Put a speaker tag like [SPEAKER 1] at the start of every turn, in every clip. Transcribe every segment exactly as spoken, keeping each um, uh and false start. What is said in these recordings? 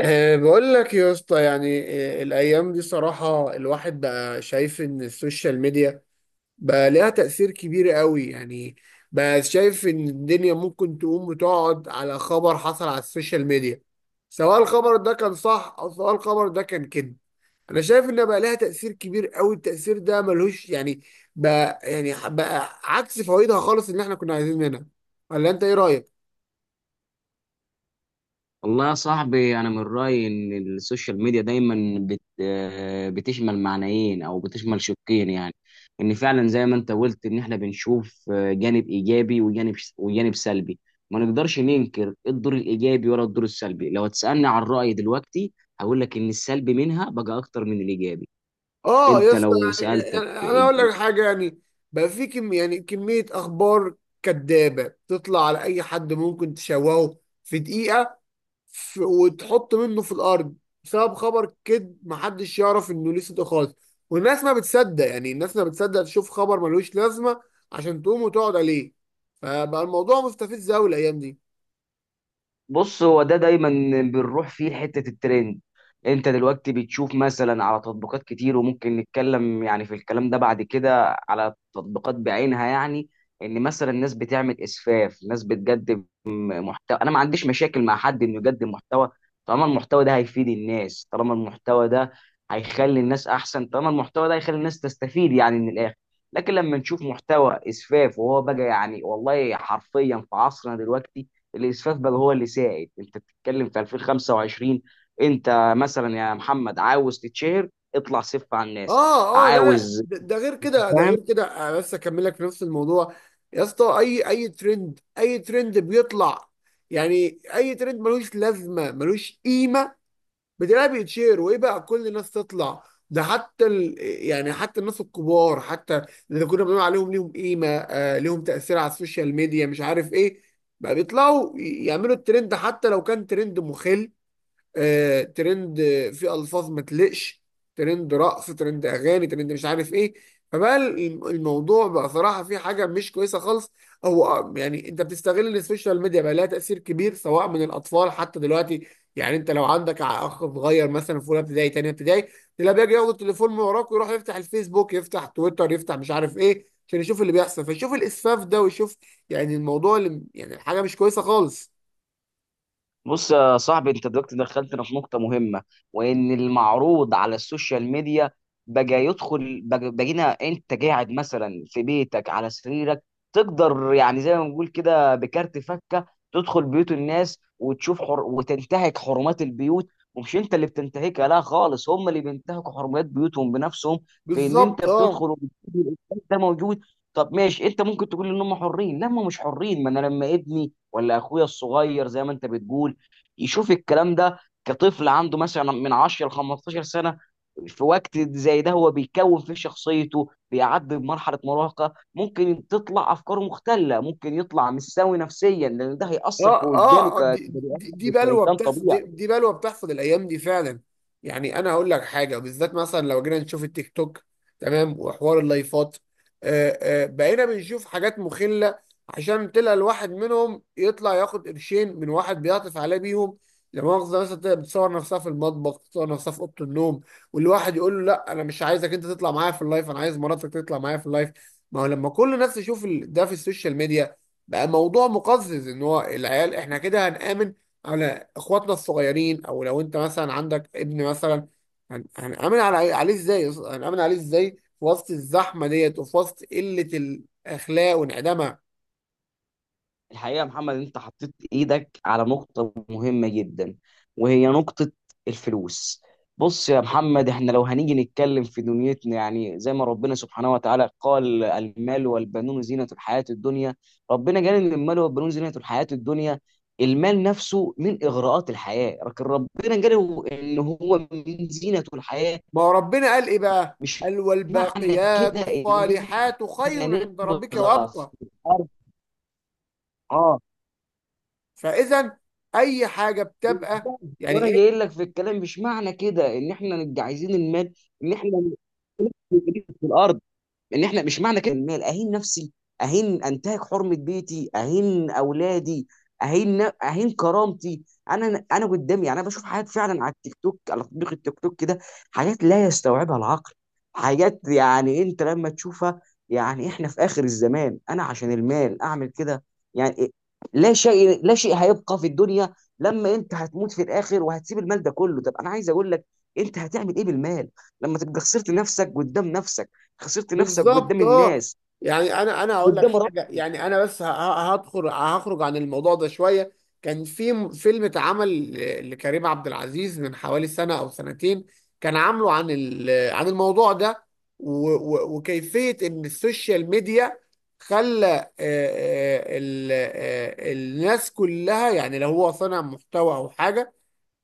[SPEAKER 1] أه بقول لك يا اسطى يعني. أه الايام دي صراحه الواحد بقى شايف ان السوشيال ميديا بقى ليها تاثير كبير قوي يعني. بقى شايف ان الدنيا ممكن تقوم وتقعد على خبر حصل على السوشيال ميديا، سواء الخبر ده كان صح او سواء الخبر ده كان كده. انا شايف ان بقى ليها تاثير كبير قوي، التاثير ده ملهوش يعني، بقى يعني بقى عكس فوائدها خالص اللي احنا كنا عايزين منها. ولا انت ايه رايك؟
[SPEAKER 2] والله يا صاحبي، انا من رايي ان السوشيال ميديا دايما بت آه، بتشمل معنيين او بتشمل شقين، يعني ان فعلا زي ما انت قلت ان احنا بنشوف آه، جانب ايجابي وجانب وجانب سلبي. ما نقدرش ننكر الدور الايجابي ولا الدور السلبي. لو تسالني عن رايي دلوقتي، هقول لك ان السلبي منها بقى اكتر من الايجابي.
[SPEAKER 1] اه يا
[SPEAKER 2] انت
[SPEAKER 1] اسطى،
[SPEAKER 2] لو
[SPEAKER 1] يعني
[SPEAKER 2] سالتك.
[SPEAKER 1] يعني انا اقول لك حاجه يعني. بقى في كم، يعني كميه اخبار كدابه تطلع على اي حد، ممكن تشوهه في دقيقه، ف- وتحط منه في الارض بسبب خبر كد محدش يعرف انه ليه صدق خالص. والناس ما بتصدق، يعني الناس ما بتصدق تشوف خبر ملوش لازمه عشان تقوم وتقعد عليه. فبقى الموضوع مستفز قوي الايام دي.
[SPEAKER 2] بص، هو ده دايما بنروح فيه لحته الترند. انت دلوقتي بتشوف مثلا على تطبيقات كتير، وممكن نتكلم يعني في الكلام ده بعد كده على تطبيقات بعينها، يعني ان مثلا الناس بتعمل اسفاف، ناس بتقدم محتوى. انا ما عنديش مشاكل مع حد انه يقدم محتوى طالما المحتوى ده هيفيد الناس، طالما المحتوى ده هيخلي الناس احسن، طالما المحتوى ده هيخلي الناس تستفيد يعني من الاخر. لكن لما نشوف محتوى اسفاف، وهو بقى يعني والله حرفيا في عصرنا دلوقتي الاسفاف بقى هو اللي سائد. انت بتتكلم في ألفين وخمسة وعشرين، انت مثلا يا محمد عاوز تتشهر، اطلع سف على الناس.
[SPEAKER 1] اه، اه، لا، لا،
[SPEAKER 2] عاوز
[SPEAKER 1] ده ده غير كده، ده
[SPEAKER 2] فاهم؟
[SPEAKER 1] غير كده. انا بس اكمل لك في نفس الموضوع. يا اسطى، اي اي ترند اي ترند بيطلع، يعني اي ترند ملوش لازمه، ملوش قيمه، بتلاقيه بيتشير، وايه بقى كل الناس تطلع. ده حتى ال... يعني حتى الناس الكبار، حتى اللي كنا بنقول عليهم ليهم قيمه، آه ليهم تاثير على السوشيال ميديا، مش عارف ايه، بقى بيطلعوا ي- يعملوا الترند، حتى لو كان ترند مخل. آه، ترند آه، في الفاظ ما تليقش، ترند رقص، ترند اغاني، ترند مش عارف ايه. فبقى الم- الموضوع بقى صراحه في حاجه مش كويسه خالص. هو آه، يعني انت بتستغل السوشيال ميديا، بقى لها تاثير كبير سواء من الاطفال حتى دلوقتي. يعني انت لو عندك ع- اخ صغير مثلا في اولى ابتدائي، تانية ابتدائي، تلاقيه بيجي ياخد التليفون من وراك ويروح يفتح الفيسبوك، يفتح تويتر، يفتح مش عارف ايه، عشان يشوف اللي بيحصل، فيشوف الاسفاف ده ويشوف، يعني الموضوع اللي يعني الحاجه مش كويسه خالص.
[SPEAKER 2] بص يا صاحبي، انت دلوقتي دخلتنا في نقطة مهمة، وان المعروض على السوشيال ميديا بقى يدخل بقى- بقينا، انت قاعد مثلا في بيتك على سريرك، تقدر يعني زي ما بنقول كده بكارت فكة تدخل بيوت الناس وتشوف حر... وتنتهك حرمات البيوت. ومش انت اللي بتنتهكها، لا خالص، هم اللي بينتهكوا حرمات بيوتهم بنفسهم، في ان انت
[SPEAKER 1] بالظبط، اه.
[SPEAKER 2] بتدخل وبتشوف الإنسان ده موجود. طب ماشي، انت ممكن تقول ان هم حرين. لا، هم مش حرين. ما انا لما ابني ولا اخويا الصغير زي ما انت بتقول يشوف الكلام ده كطفل عنده مثلا من عشر ل خمستاشر سنه، في وقت زي ده هو بيكون في شخصيته بيعدي بمرحله مراهقه، ممكن تطلع افكاره مختله، ممكن يطلع مش سوي نفسيا، لان ده هيأثر في
[SPEAKER 1] اه،
[SPEAKER 2] وجدانه
[SPEAKER 1] اه، آه،
[SPEAKER 2] ك-
[SPEAKER 1] دي
[SPEAKER 2] كبني
[SPEAKER 1] دي, دي
[SPEAKER 2] آدم،
[SPEAKER 1] بلوه
[SPEAKER 2] كانسان
[SPEAKER 1] بتحصل، دي,
[SPEAKER 2] طبيعي.
[SPEAKER 1] دي بلوه بتحصل الايام دي فعلا. يعني انا هقول لك حاجه بالذات، مثلا لو جينا نشوف التيك توك، تمام، وحوار اللايفات، آه آه بقينا بنشوف حاجات مخله. عشان تلاقي الواحد منهم يطلع ياخد قرشين من واحد بيعطف عليه بيهم. لا مؤاخذه، مثلا تلاقي بتصور نفسها في المطبخ، بتصور نفسها في اوضه النوم، والواحد يقول له لا انا مش عايزك انت تطلع معايا في اللايف، انا عايز مراتك تطلع معايا في اللايف. ما هو لما كل الناس تشوف ال- ده في السوشيال ميديا، بقى موضوع مقزز. ان هو العيال احنا كده هنآمن على اخواتنا الصغيرين؟ او لو انت مثلا عندك ابن مثلا، هن- هنآمن على عليه ازاي؟ هنآمن عليه ازاي في وسط الزحمة ديت وفي وسط قلة الاخلاق وانعدامها؟
[SPEAKER 2] الحقيقة يا محمد، انت حطيت ايدك على نقطة مهمة جدا، وهي نقطة الفلوس. بص يا محمد، احنا لو هنيجي نتكلم في دنيتنا، يعني زي ما ربنا سبحانه وتعالى قال، المال والبنون زينة الحياة الدنيا. ربنا قال ان المال والبنون زينة الحياة الدنيا. المال نفسه من اغراءات الحياة، لكن ربنا قال ان هو من زينة الحياة.
[SPEAKER 1] ما هو ربنا قال ايه بقى؟
[SPEAKER 2] مش
[SPEAKER 1] قال
[SPEAKER 2] معنى
[SPEAKER 1] والباقيات
[SPEAKER 2] كده ان
[SPEAKER 1] الصالحات
[SPEAKER 2] احنا
[SPEAKER 1] خير عند
[SPEAKER 2] نبغى
[SPEAKER 1] ربك
[SPEAKER 2] في
[SPEAKER 1] وابقى.
[SPEAKER 2] الارض. اه.
[SPEAKER 1] فاذا اي حاجة بتبقى
[SPEAKER 2] وانا
[SPEAKER 1] يعني.
[SPEAKER 2] جاي لك في الكلام، مش معنى كده ان احنا نبقى عايزين المال، ان احنا نجيب في الارض، ان احنا مش معنى كده المال اهين نفسي، اهين، انتهك حرمه بيتي، اهين اولادي، اهين اهين كرامتي. انا انا قدامي، يعني انا بشوف حاجات فعلا على التيك توك، على تطبيق التيك توك كده، حاجات لا يستوعبها العقل، حاجات يعني انت لما تشوفها، يعني احنا في اخر الزمان انا عشان المال اعمل كده؟ يعني إيه؟ لا شيء، لا شيء هيبقى في الدنيا لما انت هتموت في الاخر وهتسيب المال ده كله. طب انا عايز اقول لك، انت هتعمل ايه بالمال لما تبقى خسرت نفسك قدام نفسك، خسرت نفسك قدام
[SPEAKER 1] بالظبط، اه.
[SPEAKER 2] الناس،
[SPEAKER 1] يعني انا انا هقول لك
[SPEAKER 2] قدام رب؟
[SPEAKER 1] حاجه، يعني انا بس ه- ه- هدخل هخرج عن الموضوع ده شويه. كان في م- فيلم اتعمل ل- لكريم عبد العزيز من حوالي سنه او سنتين، كان عامله عن ال- عن الموضوع ده، و- و- وكيفيه ان السوشيال ميديا خلى آه، آه، ال- آه، الناس كلها، يعني لو هو صنع محتوى او حاجه،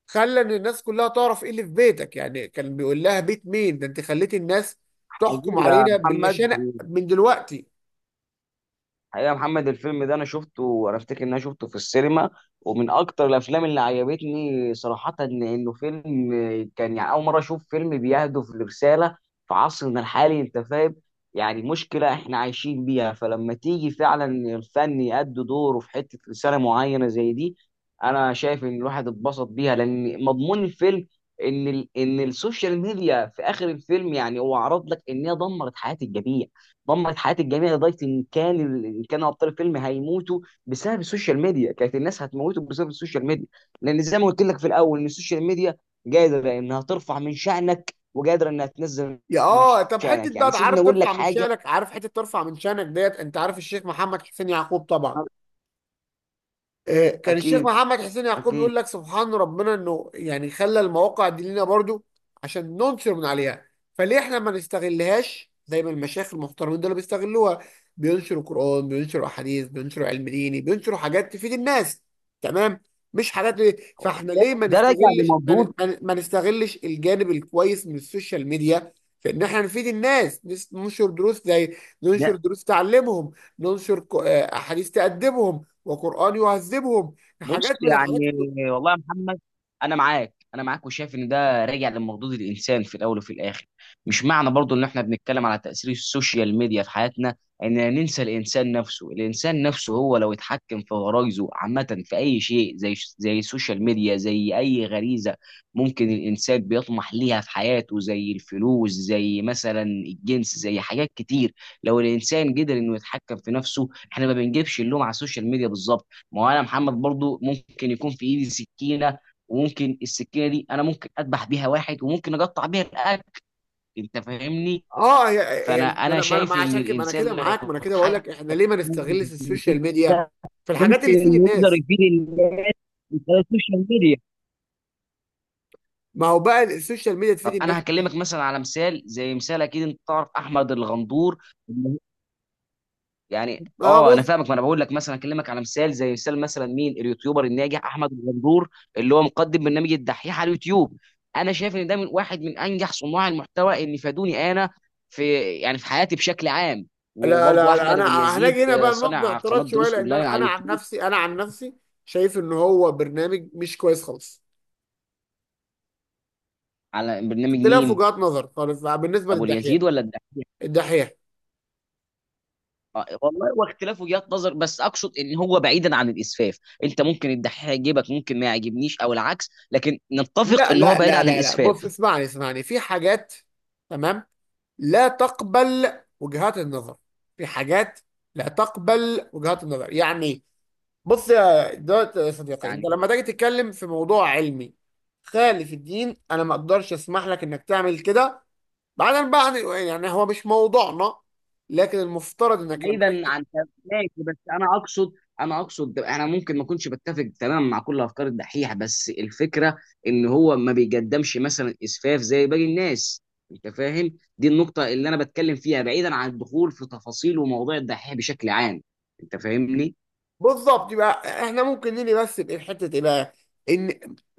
[SPEAKER 1] خلى ان الناس كلها تعرف ايه اللي في بيتك. يعني كان بيقول لها بيت مين ده؟ انت خليتي الناس
[SPEAKER 2] حقيقي
[SPEAKER 1] تحكم
[SPEAKER 2] يا
[SPEAKER 1] علينا
[SPEAKER 2] محمد
[SPEAKER 1] بالمشانق من دلوقتي.
[SPEAKER 2] حقيقة يا محمد، الفيلم ده أنا شفته، وأنا أفتكر إن أنا شفته في السينما، ومن أكتر الأفلام اللي عجبتني صراحة. إن- إنه فيلم كان يعني أول مرة أشوف فيلم بيهدف لرسالة في عصرنا الحالي، أنت فاهم. يعني مشكلة إحنا عايشين بيها، فلما تيجي فعلا الفن يأدي دوره في حتة رسالة معينة زي دي، أنا شايف إن الواحد اتبسط بيها، لأن مضمون الفيلم إن ال إن السوشيال ميديا في آخر الفيلم، يعني هو عرض لك إن هي دمرت حياة الجميع، دمرت حياه الجميع، لدرجه ان كان ان كانوا ابطال الفيلم هيموتوا بسبب السوشيال ميديا، كانت الناس هتموتوا بسبب السوشيال ميديا، لان زي ما قلت لك في الاول ان السوشيال ميديا قادره انها ترفع من شانك وقادره انها تنزل
[SPEAKER 1] يا
[SPEAKER 2] من
[SPEAKER 1] اه طب
[SPEAKER 2] شانك.
[SPEAKER 1] حته
[SPEAKER 2] يعني
[SPEAKER 1] بقى،
[SPEAKER 2] سيبني
[SPEAKER 1] عارف
[SPEAKER 2] اقول لك
[SPEAKER 1] ترفع من
[SPEAKER 2] حاجه.
[SPEAKER 1] شانك؟ عارف حته ترفع من شانك ديت؟ انت عارف الشيخ محمد حسين يعقوب طبعا. آه، كان الشيخ
[SPEAKER 2] اكيد،
[SPEAKER 1] محمد حسين يعقوب
[SPEAKER 2] اكيد.
[SPEAKER 1] يقول لك سبحان ربنا انه يعني خلى المواقع دي لنا برضو عشان ننصر من عليها. فليه احنا ما نستغلهاش زي ما المشايخ المحترمين دول بيستغلوها؟ بينشروا قرآن، بينشروا احاديث، بينشروا علم ديني، بينشروا حاجات تفيد الناس. تمام. مش حاجات، ليه فاحنا
[SPEAKER 2] ده,
[SPEAKER 1] ليه ما
[SPEAKER 2] ده راجع
[SPEAKER 1] نستغلش، ما
[SPEAKER 2] لمردود
[SPEAKER 1] ن- ما ن- ما نستغلش الجانب الكويس من السوشيال ميديا في ان احنا نفيد الناس، نس- ننشر دروس زي، ننشر
[SPEAKER 2] ده.
[SPEAKER 1] دروس تعلمهم، ننشر ك- آه، احاديث تأدبهم، وقرآن يعذبهم،
[SPEAKER 2] بص
[SPEAKER 1] حاجات من
[SPEAKER 2] يعني
[SPEAKER 1] الحاجات.
[SPEAKER 2] والله يا محمد، انا معاك، انا معاك، وشايف ان ده راجع لمردود الانسان في الاول وفي الاخر. مش معنى برضو ان احنا بنتكلم على تاثير السوشيال ميديا في حياتنا اننا ننسى الانسان نفسه. الانسان نفسه هو لو اتحكم في غرايزه عامه في اي شيء، زي زي السوشيال ميديا، زي اي غريزه ممكن الانسان بيطمح ليها في حياته، زي الفلوس، زي مثلا الجنس، زي حاجات كتير. لو الانسان قدر انه يتحكم في نفسه، احنا ما بنجيبش اللوم على السوشيال ميديا بالظبط. ما هو انا محمد برضو ممكن يكون في ايدي سكينه، وممكن السكينه دي انا ممكن اذبح بيها واحد، وممكن اقطع بيها الاكل. انت فاهمني.
[SPEAKER 1] اه. هي، هي
[SPEAKER 2] فانا
[SPEAKER 1] ما
[SPEAKER 2] انا
[SPEAKER 1] انا ما أنا- ما
[SPEAKER 2] شايف ان
[SPEAKER 1] عشان كده ما انا
[SPEAKER 2] الانسان
[SPEAKER 1] كده
[SPEAKER 2] لو
[SPEAKER 1] معاك، ما انا كده بقول لك
[SPEAKER 2] اتحكم
[SPEAKER 1] احنا ليه ما نستغلش السوشيال ميديا
[SPEAKER 2] ده
[SPEAKER 1] في الحاجات
[SPEAKER 2] ممكن
[SPEAKER 1] اللي تفيد
[SPEAKER 2] إنه يقدر
[SPEAKER 1] الناس؟
[SPEAKER 2] يفيد الناس من خلال السوشيال ميديا.
[SPEAKER 1] ما هو بقى السوشيال ميديا تفيد
[SPEAKER 2] طب
[SPEAKER 1] الناس.
[SPEAKER 2] انا هكلمك مثلا على مثال، زي مثال، اكيد انت تعرف احمد الغندور. يعني
[SPEAKER 1] اه،
[SPEAKER 2] اه انا
[SPEAKER 1] بص.
[SPEAKER 2] فاهمك، ما انا بقول لك مثلا اكلمك على مثال زي مثال، مثلا مين اليوتيوبر الناجح؟ احمد الغندور اللي هو مقدم برنامج الدحيح على اليوتيوب. انا شايف ان ده من واحد من انجح صناع المحتوى اللي فادوني انا في، يعني في حياتي بشكل عام.
[SPEAKER 1] لا،
[SPEAKER 2] وبرضه
[SPEAKER 1] لا، لا،
[SPEAKER 2] احمد ابو
[SPEAKER 1] انا
[SPEAKER 2] اليزيد،
[SPEAKER 1] هنجي هنا
[SPEAKER 2] آه،
[SPEAKER 1] بقى نقطة
[SPEAKER 2] صانع قناه
[SPEAKER 1] اعتراض شويه،
[SPEAKER 2] دروس
[SPEAKER 1] لان
[SPEAKER 2] اونلاين
[SPEAKER 1] انا
[SPEAKER 2] على
[SPEAKER 1] أنا عن
[SPEAKER 2] اليوتيوب.
[SPEAKER 1] نفسي، انا عن نفسي شايف ان هو برنامج مش كويس خالص.
[SPEAKER 2] على برنامج
[SPEAKER 1] اختلاف
[SPEAKER 2] مين؟
[SPEAKER 1] وجهات نظر خالص بقى بالنسبه
[SPEAKER 2] ابو اليزيد
[SPEAKER 1] للدحيح.
[SPEAKER 2] ولا الدحيح؟
[SPEAKER 1] الدحيح.
[SPEAKER 2] آه، والله واختلاف وجهات نظر، بس اقصد ان هو بعيدا عن الاسفاف. انت ممكن الدحيح يعجبك، ممكن ما يعجبنيش، او العكس، لكن نتفق
[SPEAKER 1] لا،
[SPEAKER 2] ان هو
[SPEAKER 1] لا،
[SPEAKER 2] بعيد
[SPEAKER 1] لا،
[SPEAKER 2] عن
[SPEAKER 1] لا، لا، بص،
[SPEAKER 2] الاسفاف.
[SPEAKER 1] اسمعني، اسمعني، في حاجات، تمام، لا تقبل وجهات النظر. في حاجات لا تقبل وجهات النظر، يعني. بص يا دوت، يا صديقي، انت
[SPEAKER 2] يعني
[SPEAKER 1] لما تيجي تتكلم في موضوع علمي خالف الدين، انا ما اقدرش اسمح لك انك تعمل كده. بعدين بقى يعني هو مش موضوعنا، لكن المفترض انك لما
[SPEAKER 2] بعيدا
[SPEAKER 1] تيجي.
[SPEAKER 2] عن. ماشي، بس انا اقصد انا اقصد انا ممكن ما اكونش بتفق تماما مع كل افكار الدحيح، بس الفكره ان هو ما بيقدمش مثلا اسفاف زي باقي الناس. انت فاهم دي النقطه اللي انا بتكلم فيها بعيدا عن الدخول في تفاصيل ومواضيع الدحيح بشكل عام. انت فاهمني.
[SPEAKER 1] بالظبط، يبقى احنا ممكن نيجي بس بايه، في حته ايه بقى؟ ان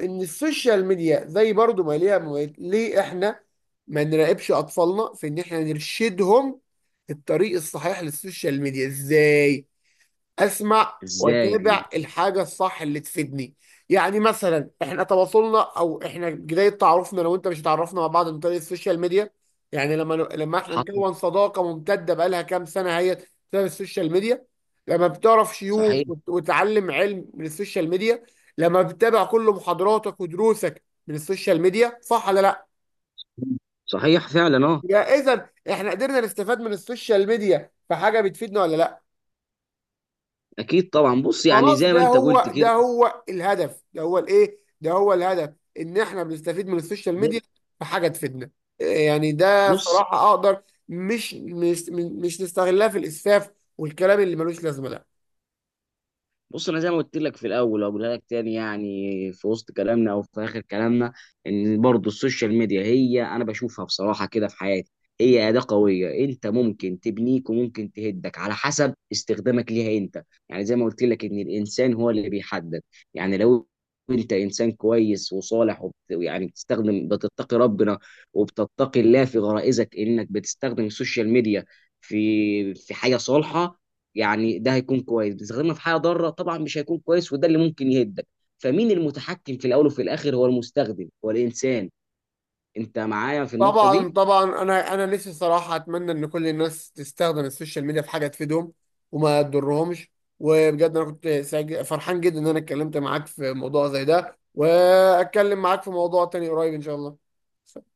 [SPEAKER 1] ان السوشيال ميديا زي برضو ما ليها مميز- ليه احنا ما نراقبش اطفالنا في ان احنا نرشدهم الطريق الصحيح للسوشيال ميديا؟ ازاي؟ اسمع
[SPEAKER 2] ازاي يعني.
[SPEAKER 1] واتابع الحاجه الصح اللي تفيدني. يعني مثلا احنا تواصلنا، او احنا بدايه تعرفنا، لو انت مش، اتعرفنا مع بعض من طريق السوشيال ميديا. يعني لما لما احنا
[SPEAKER 2] حصل.
[SPEAKER 1] نكون صداقه ممتده بقالها كام سنه، هي بسبب السوشيال ميديا. لما بتعرف شيوخ
[SPEAKER 2] صحيح،
[SPEAKER 1] وت- وتتعلم علم من السوشيال ميديا، لما بتتابع كل محاضراتك ودروسك من السوشيال ميديا، صح ولا لا؟
[SPEAKER 2] صحيح فعلا، اه.
[SPEAKER 1] يا اذا احنا قدرنا نستفاد من السوشيال ميديا في حاجه بتفيدنا ولا لا؟
[SPEAKER 2] اكيد طبعا. بص يعني
[SPEAKER 1] خلاص،
[SPEAKER 2] زي ما
[SPEAKER 1] ده
[SPEAKER 2] انت قلت
[SPEAKER 1] هو، ده
[SPEAKER 2] كده.
[SPEAKER 1] هو الهدف، ده هو الايه ده هو الهدف، ان احنا بنستفيد من السوشيال
[SPEAKER 2] زي-
[SPEAKER 1] ميديا في حاجه تفيدنا. إيه يعني، ده
[SPEAKER 2] بص،
[SPEAKER 1] صراحه اقدر. مش مش مش نستغلها في الاسفاف والكلام اللي ملوش لازمه ده.
[SPEAKER 2] بص، انا زي ما قلت لك في الاول واقولها لك تاني، يعني في وسط كلامنا او في اخر كلامنا، ان برضو السوشيال ميديا، هي انا بشوفها بصراحه كده في حياتي، هي اداه قويه، انت ممكن تبنيك وممكن تهدك على حسب استخدامك ليها انت، يعني زي ما قلت لك ان الانسان هو اللي بيحدد. يعني لو انت انسان كويس وصالح، ويعني بتستخدم، بتتقي ربنا وبتتقي الله في غرائزك، انك بتستخدم السوشيال ميديا في في حاجه صالحه، يعني ده هيكون كويس. بتستخدمها في حاجه ضاره، طبعا مش هيكون كويس، وده اللي ممكن يهدك. فمين المتحكم في الاول وفي الاخر؟ هو المستخدم، هو الانسان. انت معايا في النقطه
[SPEAKER 1] طبعا،
[SPEAKER 2] دي؟
[SPEAKER 1] طبعا، انا انا نفسي صراحه اتمنى ان كل الناس تستخدم السوشيال ميديا في حاجه تفيدهم وما تضرهمش. وبجد انا كنت سعيد- فرحان جدا ان انا اتكلمت معاك في موضوع زي ده، واتكلم معاك في موضوع تاني قريب ان شاء الله.